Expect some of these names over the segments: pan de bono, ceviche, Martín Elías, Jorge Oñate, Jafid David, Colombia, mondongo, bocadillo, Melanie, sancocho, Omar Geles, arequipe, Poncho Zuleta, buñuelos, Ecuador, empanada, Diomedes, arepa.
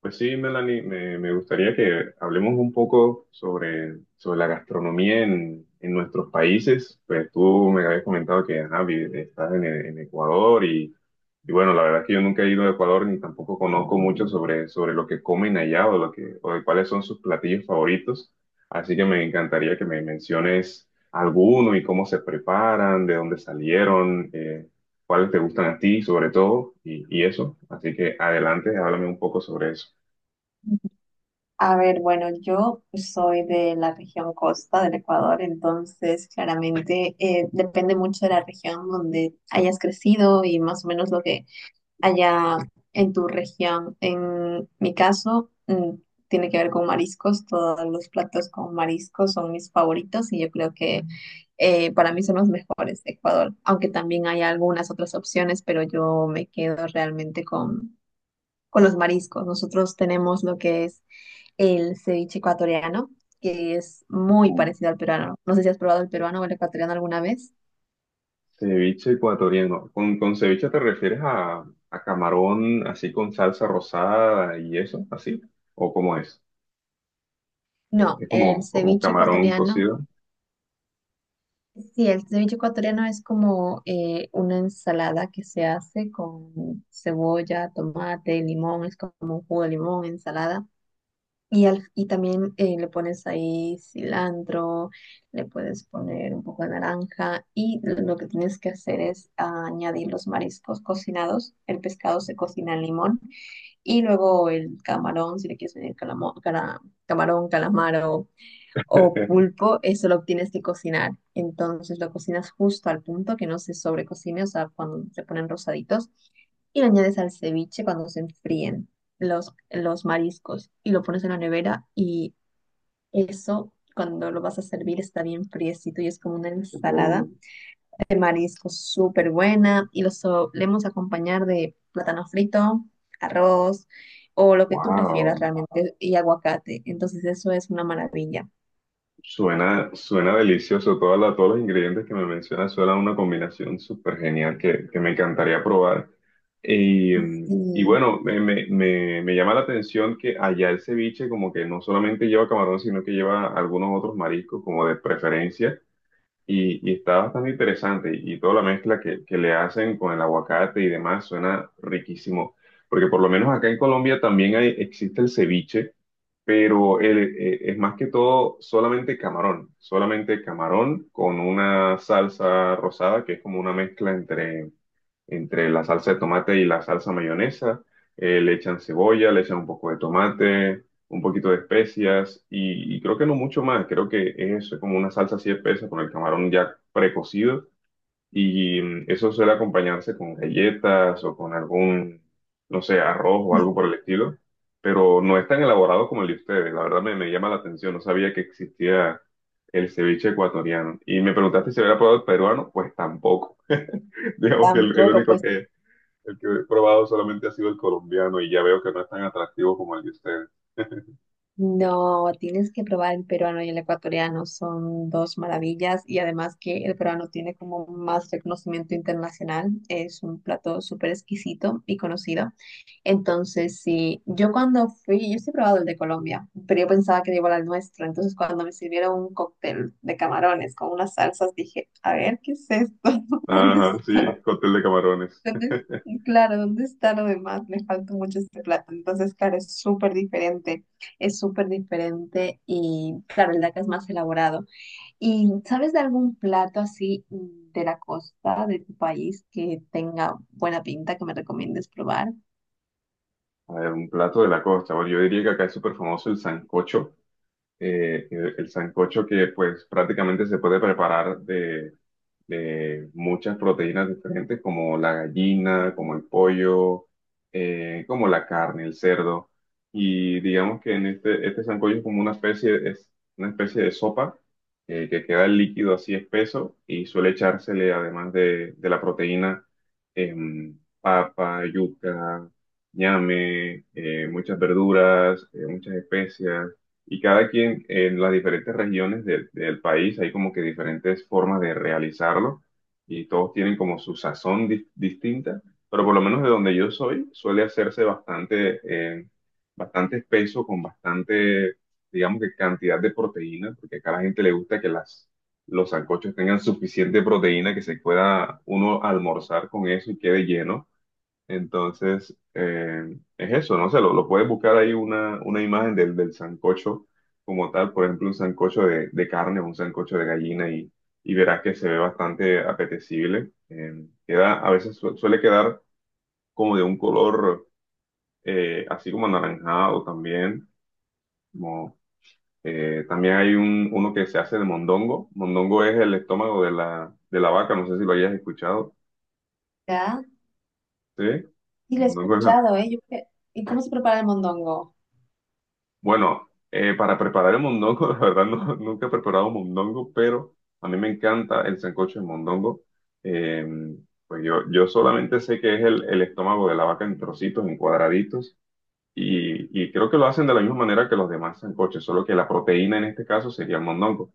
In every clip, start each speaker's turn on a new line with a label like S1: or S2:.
S1: Pues sí, Melanie, me gustaría que hablemos un poco sobre la gastronomía en nuestros países. Pues tú me habías comentado que ajá, estás en Ecuador y bueno, la verdad es que yo nunca he ido a Ecuador ni tampoco conozco mucho sobre lo que comen allá o, lo que, o de cuáles son sus platillos favoritos. Así que me encantaría que me menciones alguno y cómo se preparan, de dónde salieron, cuáles te gustan a ti sobre todo y eso. Así que adelante, háblame un poco sobre eso.
S2: A ver, bueno, yo soy de la región costa del Ecuador. Entonces claramente depende mucho de la región donde hayas crecido y más o menos lo que haya en tu región. En mi caso, tiene que ver con mariscos, todos los platos con mariscos son mis favoritos y yo creo que para mí son los mejores de Ecuador, aunque también hay algunas otras opciones, pero yo me quedo realmente con los mariscos. Nosotros tenemos lo que es el ceviche ecuatoriano, que es muy
S1: Mm.
S2: parecido al peruano. No sé si has probado el peruano o el ecuatoriano alguna vez.
S1: Ceviche ecuatoriano. ¿Con ceviche te refieres a camarón así con salsa rosada y eso, así? ¿O cómo es?
S2: No,
S1: Es
S2: el
S1: como, como
S2: ceviche
S1: camarón
S2: ecuatoriano,
S1: cocido.
S2: sí, el ceviche ecuatoriano es como una ensalada que se hace con cebolla, tomate, limón, es como un jugo de limón, ensalada. Y también le pones ahí cilantro, le puedes poner un poco de naranja y lo que tienes que hacer es añadir los mariscos cocinados. El pescado se cocina en limón y luego el camarón, si le quieres añadir camarón, calamaro, o pulpo, eso lo tienes que cocinar. Entonces lo cocinas justo al punto que no se sobrecocine, o sea, cuando se ponen rosaditos, y lo añades al ceviche cuando se enfríen los mariscos y lo pones en la nevera y eso cuando lo vas a servir está bien friecito y es como una ensalada
S1: Oh,
S2: de mariscos súper buena y lo solemos acompañar de plátano frito, arroz o lo que tú prefieras
S1: wow,
S2: realmente y aguacate. Entonces eso es una maravilla.
S1: suena, suena delicioso. Todos los ingredientes que me mencionas suenan una combinación súper genial que me encantaría probar. Y, y
S2: Sí.
S1: bueno, me llama la atención que allá el ceviche como que no solamente lleva camarón, sino que lleva algunos otros mariscos como de preferencia. Y está bastante interesante y toda la mezcla que le hacen con el aguacate y demás suena riquísimo, porque por lo menos acá en Colombia también hay, existe el ceviche, pero es más que todo solamente camarón con una salsa rosada que es como una mezcla entre entre la salsa de tomate y la salsa mayonesa. Le echan cebolla, le echan un poco de tomate, un poquito de especias y creo que no mucho más. Creo que es eso, es como una salsa así espesa con el camarón ya precocido y eso suele acompañarse con galletas o con algún, no sé, arroz o algo por el estilo. Pero no es tan elaborado como el de ustedes. La verdad me llama la atención. No sabía que existía el ceviche ecuatoriano. Y me preguntaste si había probado el peruano. Pues tampoco. Digamos que el
S2: Tampoco,
S1: único
S2: pues
S1: que, el que he probado solamente ha sido el colombiano y ya veo que no es tan atractivo como el de ustedes.
S2: no, tienes que probar el peruano y el ecuatoriano, son dos maravillas y además que el peruano tiene como más reconocimiento internacional, es un plato súper exquisito y conocido. Entonces, sí, yo cuando fui, yo sí he probado el de Colombia, pero yo pensaba que era igual al nuestro. Entonces cuando me sirvieron un cóctel de camarones con unas salsas, dije, a ver, ¿qué es esto? ¿Dónde
S1: Ajá,
S2: está?
S1: sí, cóctel de camarones.
S2: ¿Dónde- Claro, ¿dónde está lo demás? Le falta mucho este plato. Entonces, claro, es súper diferente. Es súper diferente y, claro, el DACA es más elaborado. ¿Y sabes de algún plato así de la costa de tu país que tenga buena pinta que me recomiendes probar?
S1: A ver, un plato de la costa. Bueno, yo diría que acá es súper famoso el sancocho. El el sancocho que pues prácticamente se puede preparar de muchas proteínas diferentes como la gallina, como el pollo, como la carne, el cerdo. Y digamos que en este, este sancocho es como una especie, es una especie de sopa que queda el líquido así espeso y suele echársele además de la proteína papa, yuca, ñame, muchas verduras, muchas especias y cada quien en las diferentes regiones del, del país hay como que diferentes formas de realizarlo y todos tienen como su sazón distinta, pero por lo menos de donde yo soy suele hacerse bastante, eh, bastante espeso con bastante, digamos que cantidad de proteína, porque acá a la gente le gusta que las, los sancochos tengan suficiente proteína que se pueda uno almorzar con eso y quede lleno. Entonces, es eso, no sé, lo puedes buscar ahí una imagen del, del sancocho como tal, por ejemplo, un sancocho de carne o un sancocho de gallina y verás que se ve bastante apetecible. Queda, a veces suele quedar como de un color así como anaranjado también. Como, también hay un, uno que se hace de mondongo. Mondongo es el estómago de la vaca, no sé si lo hayas escuchado.
S2: ¿Ya?
S1: ¿Sí?
S2: Sí, lo he
S1: Mondongo es la-
S2: escuchado, ¿eh? ¿Y cómo se prepara el mondongo?
S1: Bueno, para preparar el mondongo, la verdad nunca he preparado mondongo, pero a mí me encanta el sancocho de mondongo. Eh, pues yo, yo solamente sé que es el estómago de la vaca en trocitos, en cuadraditos, y creo que lo hacen de la misma manera que los demás sancoches, solo que la proteína en este caso sería el mondongo.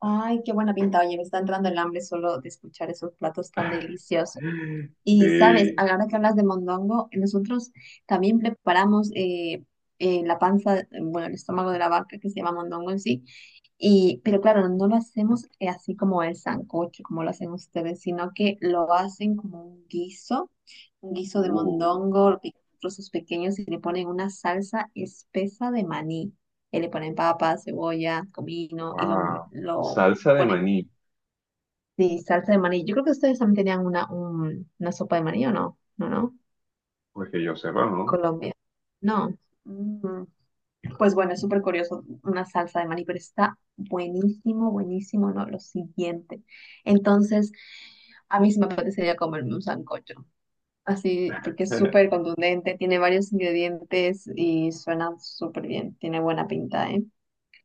S2: Ay, qué buena pinta. Oye, me está entrando el hambre solo de escuchar esos platos tan deliciosos. Y sabes,
S1: Sí,
S2: ahora que hablas de mondongo, nosotros también preparamos la panza, bueno, el estómago de la vaca que se llama mondongo en sí, y, pero claro, no lo hacemos así como el sancocho, como lo hacen ustedes, sino que lo hacen como un guiso de
S1: uh,
S2: mondongo, lo pican en trozos pequeños y le ponen una salsa espesa de maní, y le ponen papas, cebolla, comino y
S1: wow.
S2: lo
S1: Salsa de
S2: ponen.
S1: maní,
S2: Sí, salsa de maní. Yo creo que ustedes también tenían una sopa de maní, ¿o no? No, no.
S1: pues que yo sepa,
S2: En
S1: ¿no?
S2: Colombia. No. Mm, pues bueno, es súper curioso una salsa de maní, pero está buenísimo, buenísimo, ¿no? Lo siguiente. Entonces, a mí sí me apetecería comerme un sancocho. Así, porque es súper contundente, tiene varios ingredientes y suena súper bien. Tiene buena pinta, ¿eh?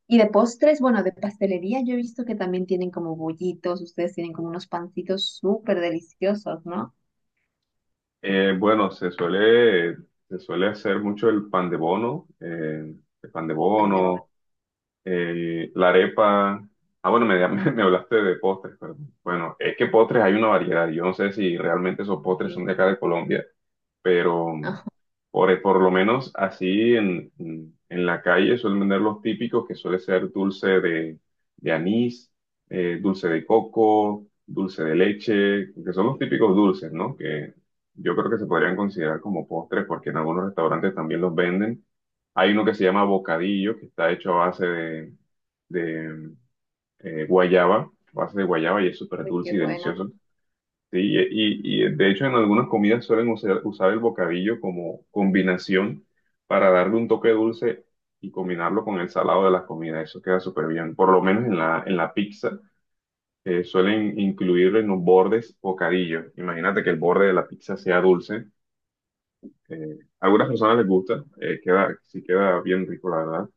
S2: Y de postres, bueno, de pastelería, yo he visto que también tienen como bollitos, ustedes tienen como unos pancitos súper deliciosos, ¿no?
S1: Bueno, se suele hacer mucho el pan de bono, el pan de
S2: Pan de bono,
S1: bono, la arepa. Ah, bueno, me hablaste de postres, perdón. Bueno, es que postres hay una variedad. Yo no sé si realmente esos postres son
S2: sí.
S1: de acá de Colombia pero
S2: Ajá,
S1: por lo menos así en, en la calle suelen vender los típicos que suele ser dulce de anís, dulce de coco, dulce de leche, que son los típicos dulces, ¿no? Que yo creo que se podrían considerar como postres porque en algunos restaurantes también los venden. Hay uno que se llama bocadillo, que está hecho a base de, guayaba, a base de guayaba y es súper
S2: uy, qué
S1: dulce y
S2: bueno.
S1: delicioso. Sí, y, y de hecho en algunas comidas suelen usar el bocadillo como combinación para darle un toque dulce y combinarlo con el salado de las comidas. Eso queda súper bien. Por lo menos en la pizza suelen incluir en los bordes bocadillo. Imagínate que el borde de la pizza sea dulce. A algunas personas les gusta, queda, sí queda bien rico, la verdad.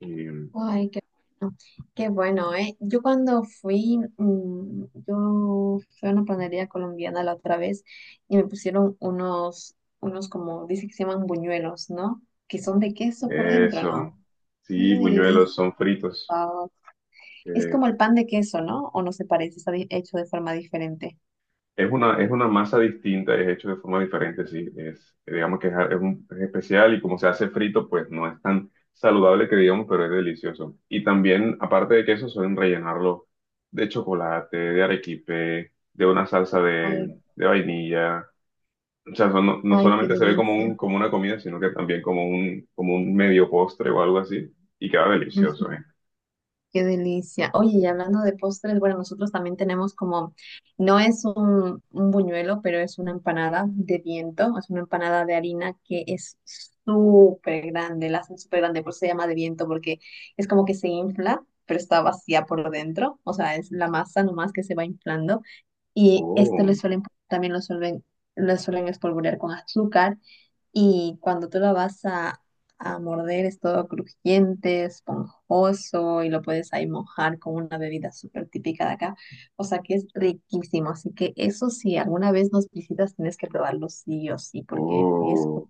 S1: Y
S2: Ay, qué bueno. Qué bueno, ¿eh? Yo cuando fui, yo fui a una panadería colombiana la otra vez y me pusieron unos como, dice que se llaman buñuelos, ¿no? Que son de queso por dentro, ¿no?
S1: eso,
S2: Qué
S1: sí, buñuelos
S2: delicioso.
S1: son fritos.
S2: Es
S1: Eh,
S2: como el pan de queso, ¿no? ¿O no se parece? Está hecho de forma diferente.
S1: Es una masa distinta, es hecho de forma diferente, sí. Es, digamos que es, es especial y como se hace frito, pues no es tan saludable que digamos, pero es delicioso. Y también, aparte de queso, suelen rellenarlo de chocolate, de arequipe, de una salsa
S2: Ay,
S1: de vainilla. O sea, no, no
S2: ay, qué
S1: solamente se ve como un,
S2: delicia.
S1: como una comida, sino que también como un medio postre o algo así. Y queda
S2: Mm,
S1: delicioso, ¿eh?
S2: qué delicia. Oye, y hablando de postres, bueno, nosotros también tenemos como, no es un buñuelo, pero es una empanada de viento, es una empanada de harina que es súper grande, la hacen súper grande, por eso se llama de viento, porque es como que se infla, pero está vacía por dentro, o sea, es la masa nomás que se va inflando, y esto
S1: Oh,
S2: le suelen, también lo suelen espolvorear con azúcar. Y cuando tú lo vas a, A morder es todo crujiente, esponjoso y lo puedes ahí mojar con una bebida súper típica de acá. O sea que es riquísimo. Así que eso si alguna vez nos visitas tienes que probarlo sí o sí porque es...
S1: oh.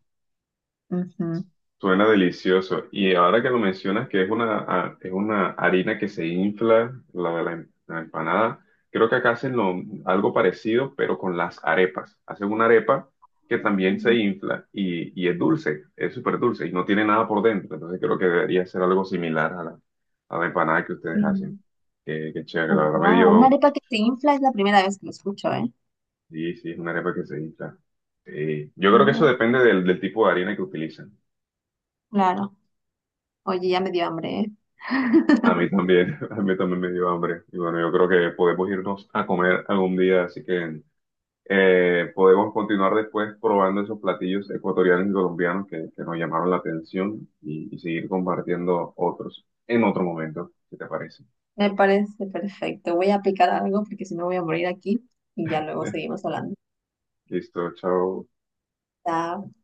S2: ujú.
S1: Suena delicioso. Y ahora que lo mencionas, que es una, es una harina que se infla, la de la, la empanada, creo que acá hacen algo parecido, pero con las arepas. Hacen una arepa que también se infla y es dulce, es súper dulce y no tiene nada por dentro. Entonces creo que debería ser algo similar a la empanada que ustedes hacen. Qué, qué chévere, la verdad me
S2: Wow, una
S1: dio...
S2: arepa que se infla es la primera vez que lo escucho, ¿eh?
S1: Sí, sí, es una arepa que se infla. Sí. Yo creo que eso
S2: Mm,
S1: depende del, del tipo de harina que utilizan.
S2: claro. Oye, ya me dio hambre, ¿eh?
S1: A mí también, a mí también me dio hambre. Y bueno, yo creo que podemos irnos a comer algún día, así que podemos continuar después probando esos platillos ecuatorianos y colombianos que nos llamaron la atención y seguir compartiendo otros en otro momento, si te parece.
S2: Me parece perfecto. Voy a aplicar algo porque si no voy a morir aquí y ya luego seguimos hablando.
S1: Listo, chao.
S2: Está